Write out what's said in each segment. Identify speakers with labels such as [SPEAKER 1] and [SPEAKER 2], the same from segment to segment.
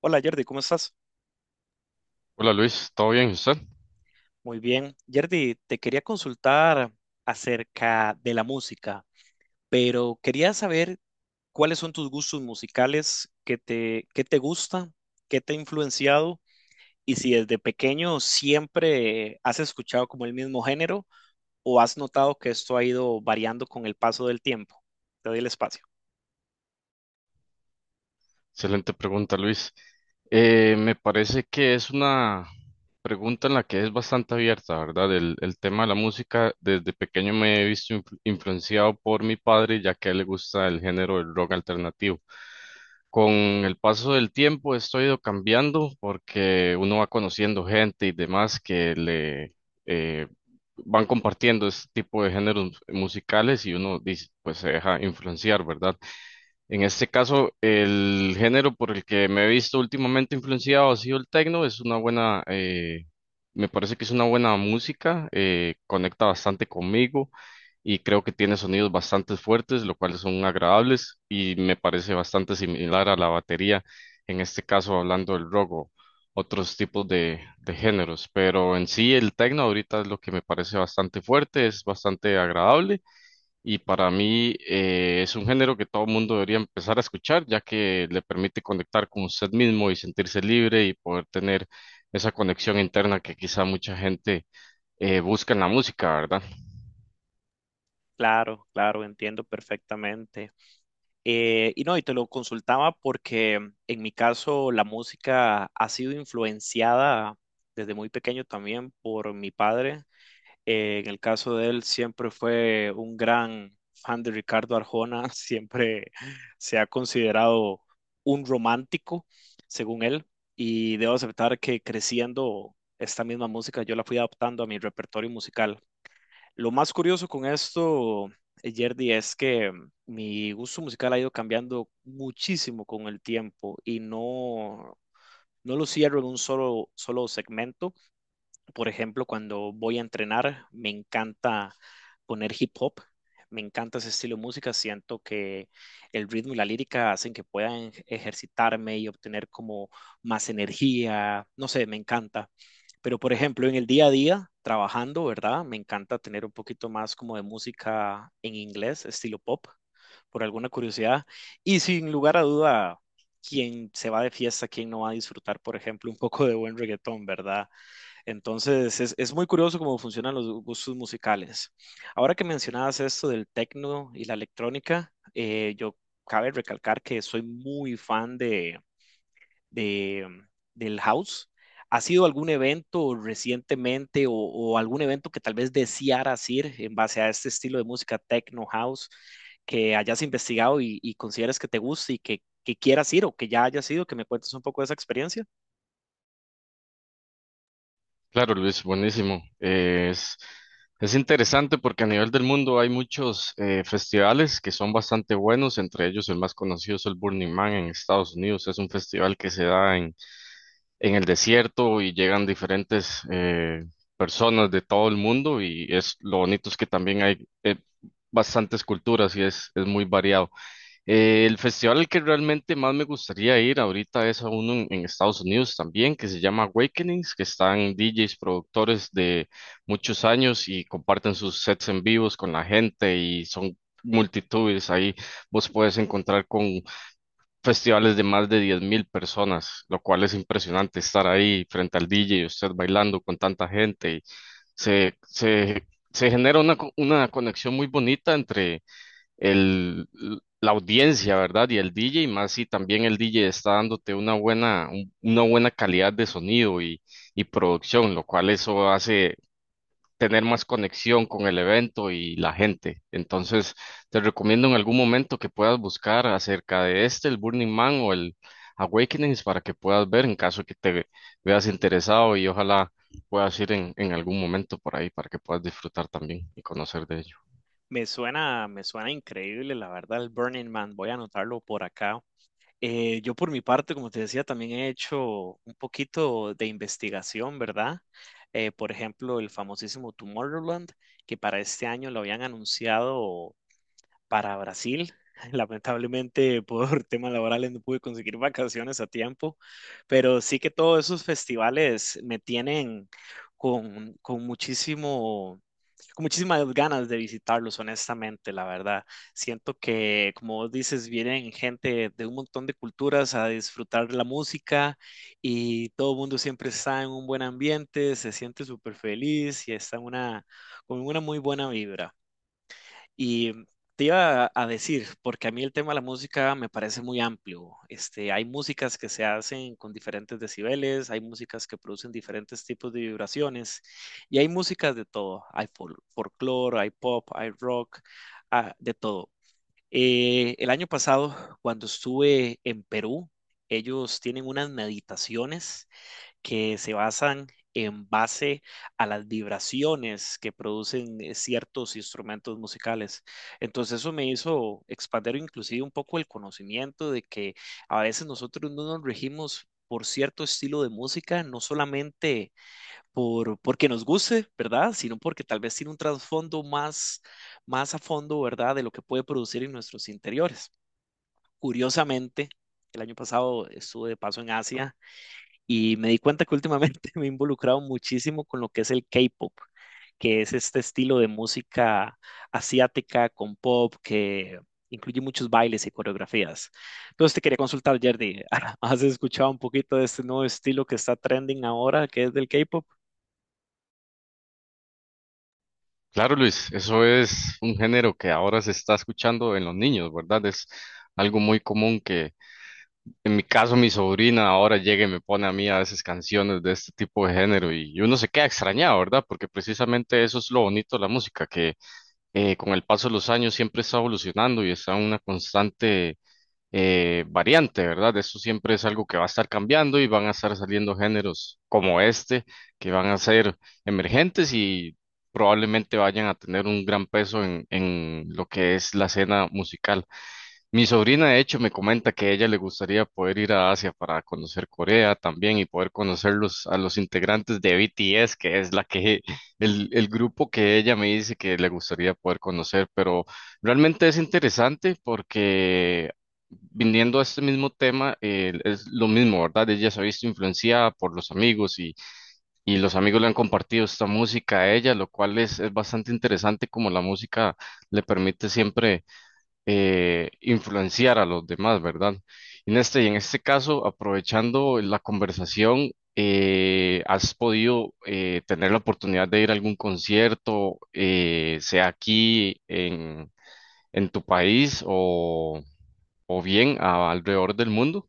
[SPEAKER 1] Hola Jordi, ¿cómo estás?
[SPEAKER 2] Hola Luis, ¿todo bien? ¿Y usted?
[SPEAKER 1] Muy bien. Jordi, te quería consultar acerca de la música, pero quería saber cuáles son tus gustos musicales, qué te gusta, qué te ha influenciado y si desde pequeño siempre has escuchado como el mismo género o has notado que esto ha ido variando con el paso del tiempo. Te doy el espacio.
[SPEAKER 2] Excelente pregunta, Luis. Me parece que es una pregunta en la que es bastante abierta, ¿verdad? El tema de la música, desde pequeño me he visto influenciado por mi padre, ya que a él le gusta el género del rock alternativo. Con el paso del tiempo esto ha ido cambiando porque uno va conociendo gente y demás que le eh, van compartiendo este tipo de géneros musicales y uno dice, pues se deja influenciar, ¿verdad? En este caso, el género por el que me he visto últimamente influenciado ha sido el techno. Es una buena, me parece que es una buena música, conecta bastante conmigo y creo que tiene sonidos bastante fuertes, lo cual son agradables y me parece bastante similar a la batería, en este caso hablando del rock o otros tipos de géneros. Pero en sí el techno ahorita es lo que me parece bastante fuerte, es bastante agradable. Y para mí es un género que todo mundo debería empezar a escuchar, ya que le permite conectar con usted mismo y sentirse libre y poder tener esa conexión interna que quizá mucha gente busca en la música, ¿verdad?
[SPEAKER 1] Claro, claro, entiendo perfectamente. Y no, y te lo consultaba porque en mi caso la música ha sido influenciada desde muy pequeño también por mi padre. En el caso de él siempre fue un gran fan de Ricardo Arjona, siempre se ha considerado un romántico, según él, y debo aceptar que creciendo esta misma música yo la fui adaptando a mi repertorio musical. Lo más curioso con esto, Yerdy, es que mi gusto musical ha ido cambiando muchísimo con el tiempo y no lo cierro en un solo segmento. Por ejemplo, cuando voy a entrenar, me encanta poner hip hop, me encanta ese estilo de música, siento que el ritmo y la lírica hacen que puedan ejercitarme y obtener como más energía, no sé, me encanta. Pero, por ejemplo, en el día a día, trabajando, ¿verdad? Me encanta tener un poquito más como de música en inglés, estilo pop, por alguna curiosidad. Y sin lugar a duda, quien se va de fiesta, quien no va a disfrutar, por ejemplo, un poco de buen reggaetón, ¿verdad? Entonces, es muy curioso cómo funcionan los gustos musicales. Ahora que mencionabas esto del techno y la electrónica, yo cabe recalcar que soy muy fan de- mm, del house. ¿Ha sido algún evento recientemente o algún evento que tal vez desearas ir en base a este estilo de música techno house que hayas investigado y consideras que te guste y que quieras ir o que ya hayas ido? Que me cuentes un poco de esa experiencia.
[SPEAKER 2] Claro, Luis, buenísimo. Es interesante porque a nivel del mundo hay muchos festivales que son bastante buenos, entre ellos el más conocido es el Burning Man en Estados Unidos. Es un festival que se da en el desierto y llegan diferentes personas de todo el mundo y es lo bonito es que también hay bastantes culturas y es muy variado. El festival al que realmente más me gustaría ir ahorita es a uno en Estados Unidos también, que se llama Awakenings, que están DJs, productores de muchos años y comparten sus sets en vivos con la gente y son multitudes ahí vos puedes encontrar con festivales de más de 10.000 personas, lo cual es impresionante estar ahí frente al DJ y usted bailando con tanta gente. Se, se, Se genera una, una conexión muy bonita entre el, la audiencia, ¿verdad? Y el DJ, más si también el DJ está dándote una buena, una buena calidad de sonido y producción, lo cual eso hace tener más conexión con el evento y la gente. Entonces, te recomiendo en algún momento que puedas buscar acerca de este, el Burning Man o el Awakenings, para que puedas ver en caso que te veas interesado y ojalá puedas ir en algún momento por ahí para que puedas disfrutar también y conocer de ello.
[SPEAKER 1] Me suena increíble, la verdad, el Burning Man. Voy a anotarlo por acá. Yo por mi parte, como te decía, también he hecho un poquito de investigación, ¿verdad? Por ejemplo, el famosísimo Tomorrowland, que para este año lo habían anunciado para Brasil. Lamentablemente, por temas laborales no pude conseguir vacaciones a tiempo, pero sí que todos esos festivales me tienen con muchísimo con muchísimas ganas de visitarlos, honestamente, la verdad. Siento que, como vos dices, vienen gente de un montón de culturas a disfrutar la música y todo el mundo siempre está en un buen ambiente, se siente súper feliz y está en con una muy buena vibra. Y te iba a decir, porque a mí el tema de la música me parece muy amplio. Este, hay músicas que se hacen con diferentes decibeles, hay músicas que producen diferentes tipos de vibraciones y hay músicas de todo. Hay folclore, hay pop, hay rock, ah, de todo. El año pasado, cuando estuve en Perú, ellos tienen unas meditaciones que se basan en base a las vibraciones que producen ciertos instrumentos musicales. Entonces eso me hizo expandir inclusive un poco el conocimiento de que a veces nosotros no nos regimos por cierto estilo de música, no solamente porque nos guste, ¿verdad? Sino porque tal vez tiene un trasfondo más a fondo, ¿verdad? De lo que puede producir en nuestros interiores. Curiosamente, el año pasado estuve de paso en Asia y me di cuenta que últimamente me he involucrado muchísimo con lo que es el K-pop, que es este estilo de música asiática con pop que incluye muchos bailes y coreografías. Entonces te quería consultar, Jerdy, ¿has escuchado un poquito de este nuevo estilo que está trending ahora, que es del K-pop?
[SPEAKER 2] Claro, Luis, eso es un género que ahora se está escuchando en los niños, ¿verdad? Es algo muy común que. En mi caso, mi sobrina ahora llega y me pone a mí a veces canciones de este tipo de género y uno se queda extrañado, ¿verdad? Porque precisamente eso es lo bonito de la música, que con el paso de los años siempre está evolucionando y está en una constante variante, ¿verdad? Eso siempre es algo que va a estar cambiando y van a estar saliendo géneros como este, que van a ser emergentes y probablemente vayan a tener un gran peso en lo que es la escena musical. Mi sobrina, de hecho, me comenta que a ella le gustaría poder ir a Asia para conocer Corea también y poder conocer a los integrantes de BTS, que es la que, el grupo que ella me dice que le gustaría poder conocer. Pero realmente es interesante porque viniendo a este mismo tema, es lo mismo, ¿verdad? Ella se ha visto influenciada por los amigos y los amigos le han compartido esta música a ella, lo cual es bastante interesante como la música le permite siempre influenciar a los demás, ¿verdad? En este caso, aprovechando la conversación, ¿has podido tener la oportunidad de ir a algún concierto, sea aquí en tu país o bien alrededor del mundo?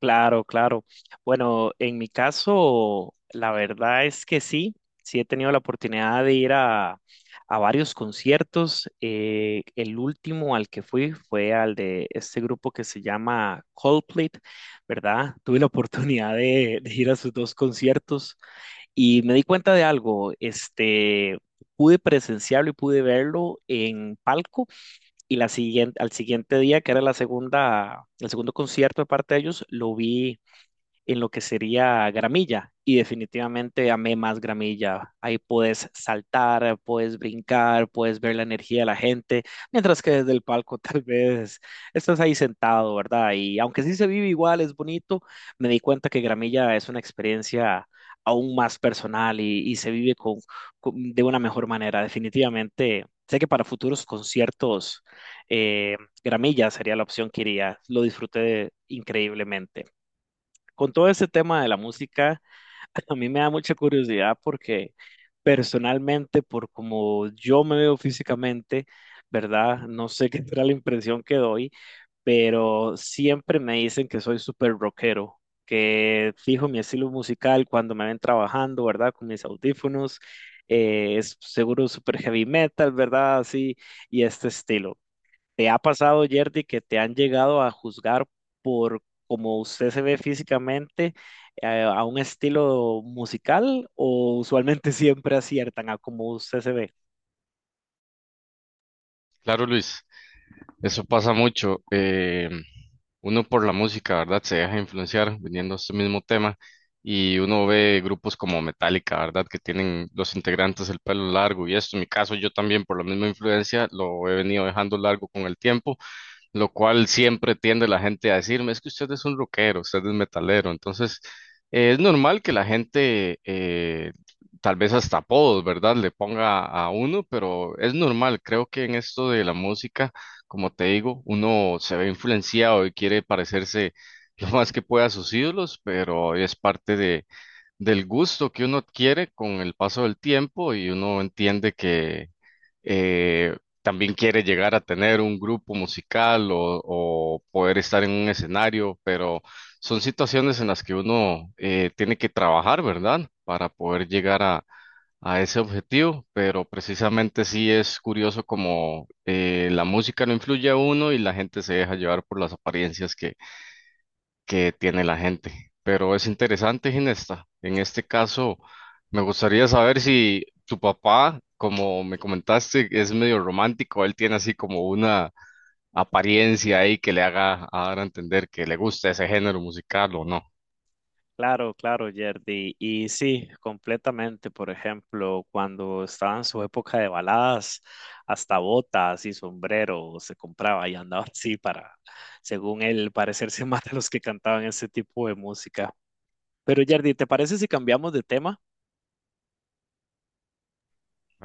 [SPEAKER 1] Claro, claro. Bueno, en mi caso, la verdad es que sí, sí he tenido la oportunidad de ir a varios conciertos. El último al que fui fue al de este grupo que se llama Coldplay, ¿verdad? Tuve la oportunidad de ir a sus dos conciertos y me di cuenta de algo, este, pude presenciarlo y pude verlo en palco. Y la siguiente, al siguiente día, que era el segundo concierto de parte de ellos, lo vi en lo que sería gramilla y definitivamente amé más gramilla. Ahí puedes saltar, puedes brincar, puedes ver la energía de la gente, mientras que desde el palco tal vez estás ahí sentado, ¿verdad? Y aunque sí se vive igual, es bonito, me di cuenta que gramilla es una experiencia aún más personal y se vive de una mejor manera. Definitivamente, sé que para futuros conciertos, eh, gramilla sería la opción que iría. Lo disfruté increíblemente con todo ese tema de la música, a mí me da mucha curiosidad porque personalmente, por como yo me veo físicamente, ¿verdad? No sé qué será la impresión que doy, pero siempre me dicen que soy súper rockero, que fijo mi estilo musical cuando me ven trabajando, ¿verdad? Con mis audífonos, es seguro súper heavy metal, ¿verdad? Así, y este estilo. ¿Te ha pasado, Yerdy, que te han llegado a juzgar por cómo usted se ve físicamente a un estilo musical o usualmente siempre aciertan a cómo usted se ve?
[SPEAKER 2] Claro, Luis, eso pasa mucho. Uno por la música, ¿verdad? Se deja influenciar viniendo a este mismo tema y uno ve grupos como Metallica, ¿verdad? Que tienen los integrantes el pelo largo y esto, en mi caso yo también por la misma influencia lo he venido dejando largo con el tiempo, lo cual siempre tiende la gente a decirme, es que usted es un rockero, usted es metalero, entonces es normal que la gente, tal vez hasta apodos, ¿verdad?, le ponga a uno, pero es normal, creo que en esto de la música, como te digo, uno se ve influenciado y quiere parecerse lo más que pueda a sus ídolos, pero es parte de del gusto que uno adquiere con el paso del tiempo y uno entiende que, eh, también quiere llegar a tener un grupo musical o poder estar en un escenario, pero son situaciones en las que uno tiene que trabajar, ¿verdad? Para poder llegar a ese objetivo, pero precisamente sí es curioso como la música no influye a uno y la gente se deja llevar por las apariencias que tiene la gente. Pero es interesante, Ginesta. En este caso, me gustaría saber si tu papá, como me comentaste, es medio romántico, él tiene así como una apariencia ahí que le haga a dar a entender que le gusta ese género musical o no.
[SPEAKER 1] Claro, claro, Yerdy. Y sí, completamente. Por ejemplo, cuando estaba en su época de baladas, hasta botas y sombrero se compraba y andaba así para, según él, parecerse más a los que cantaban ese tipo de música. Pero, Yerdy, ¿te parece si cambiamos de tema?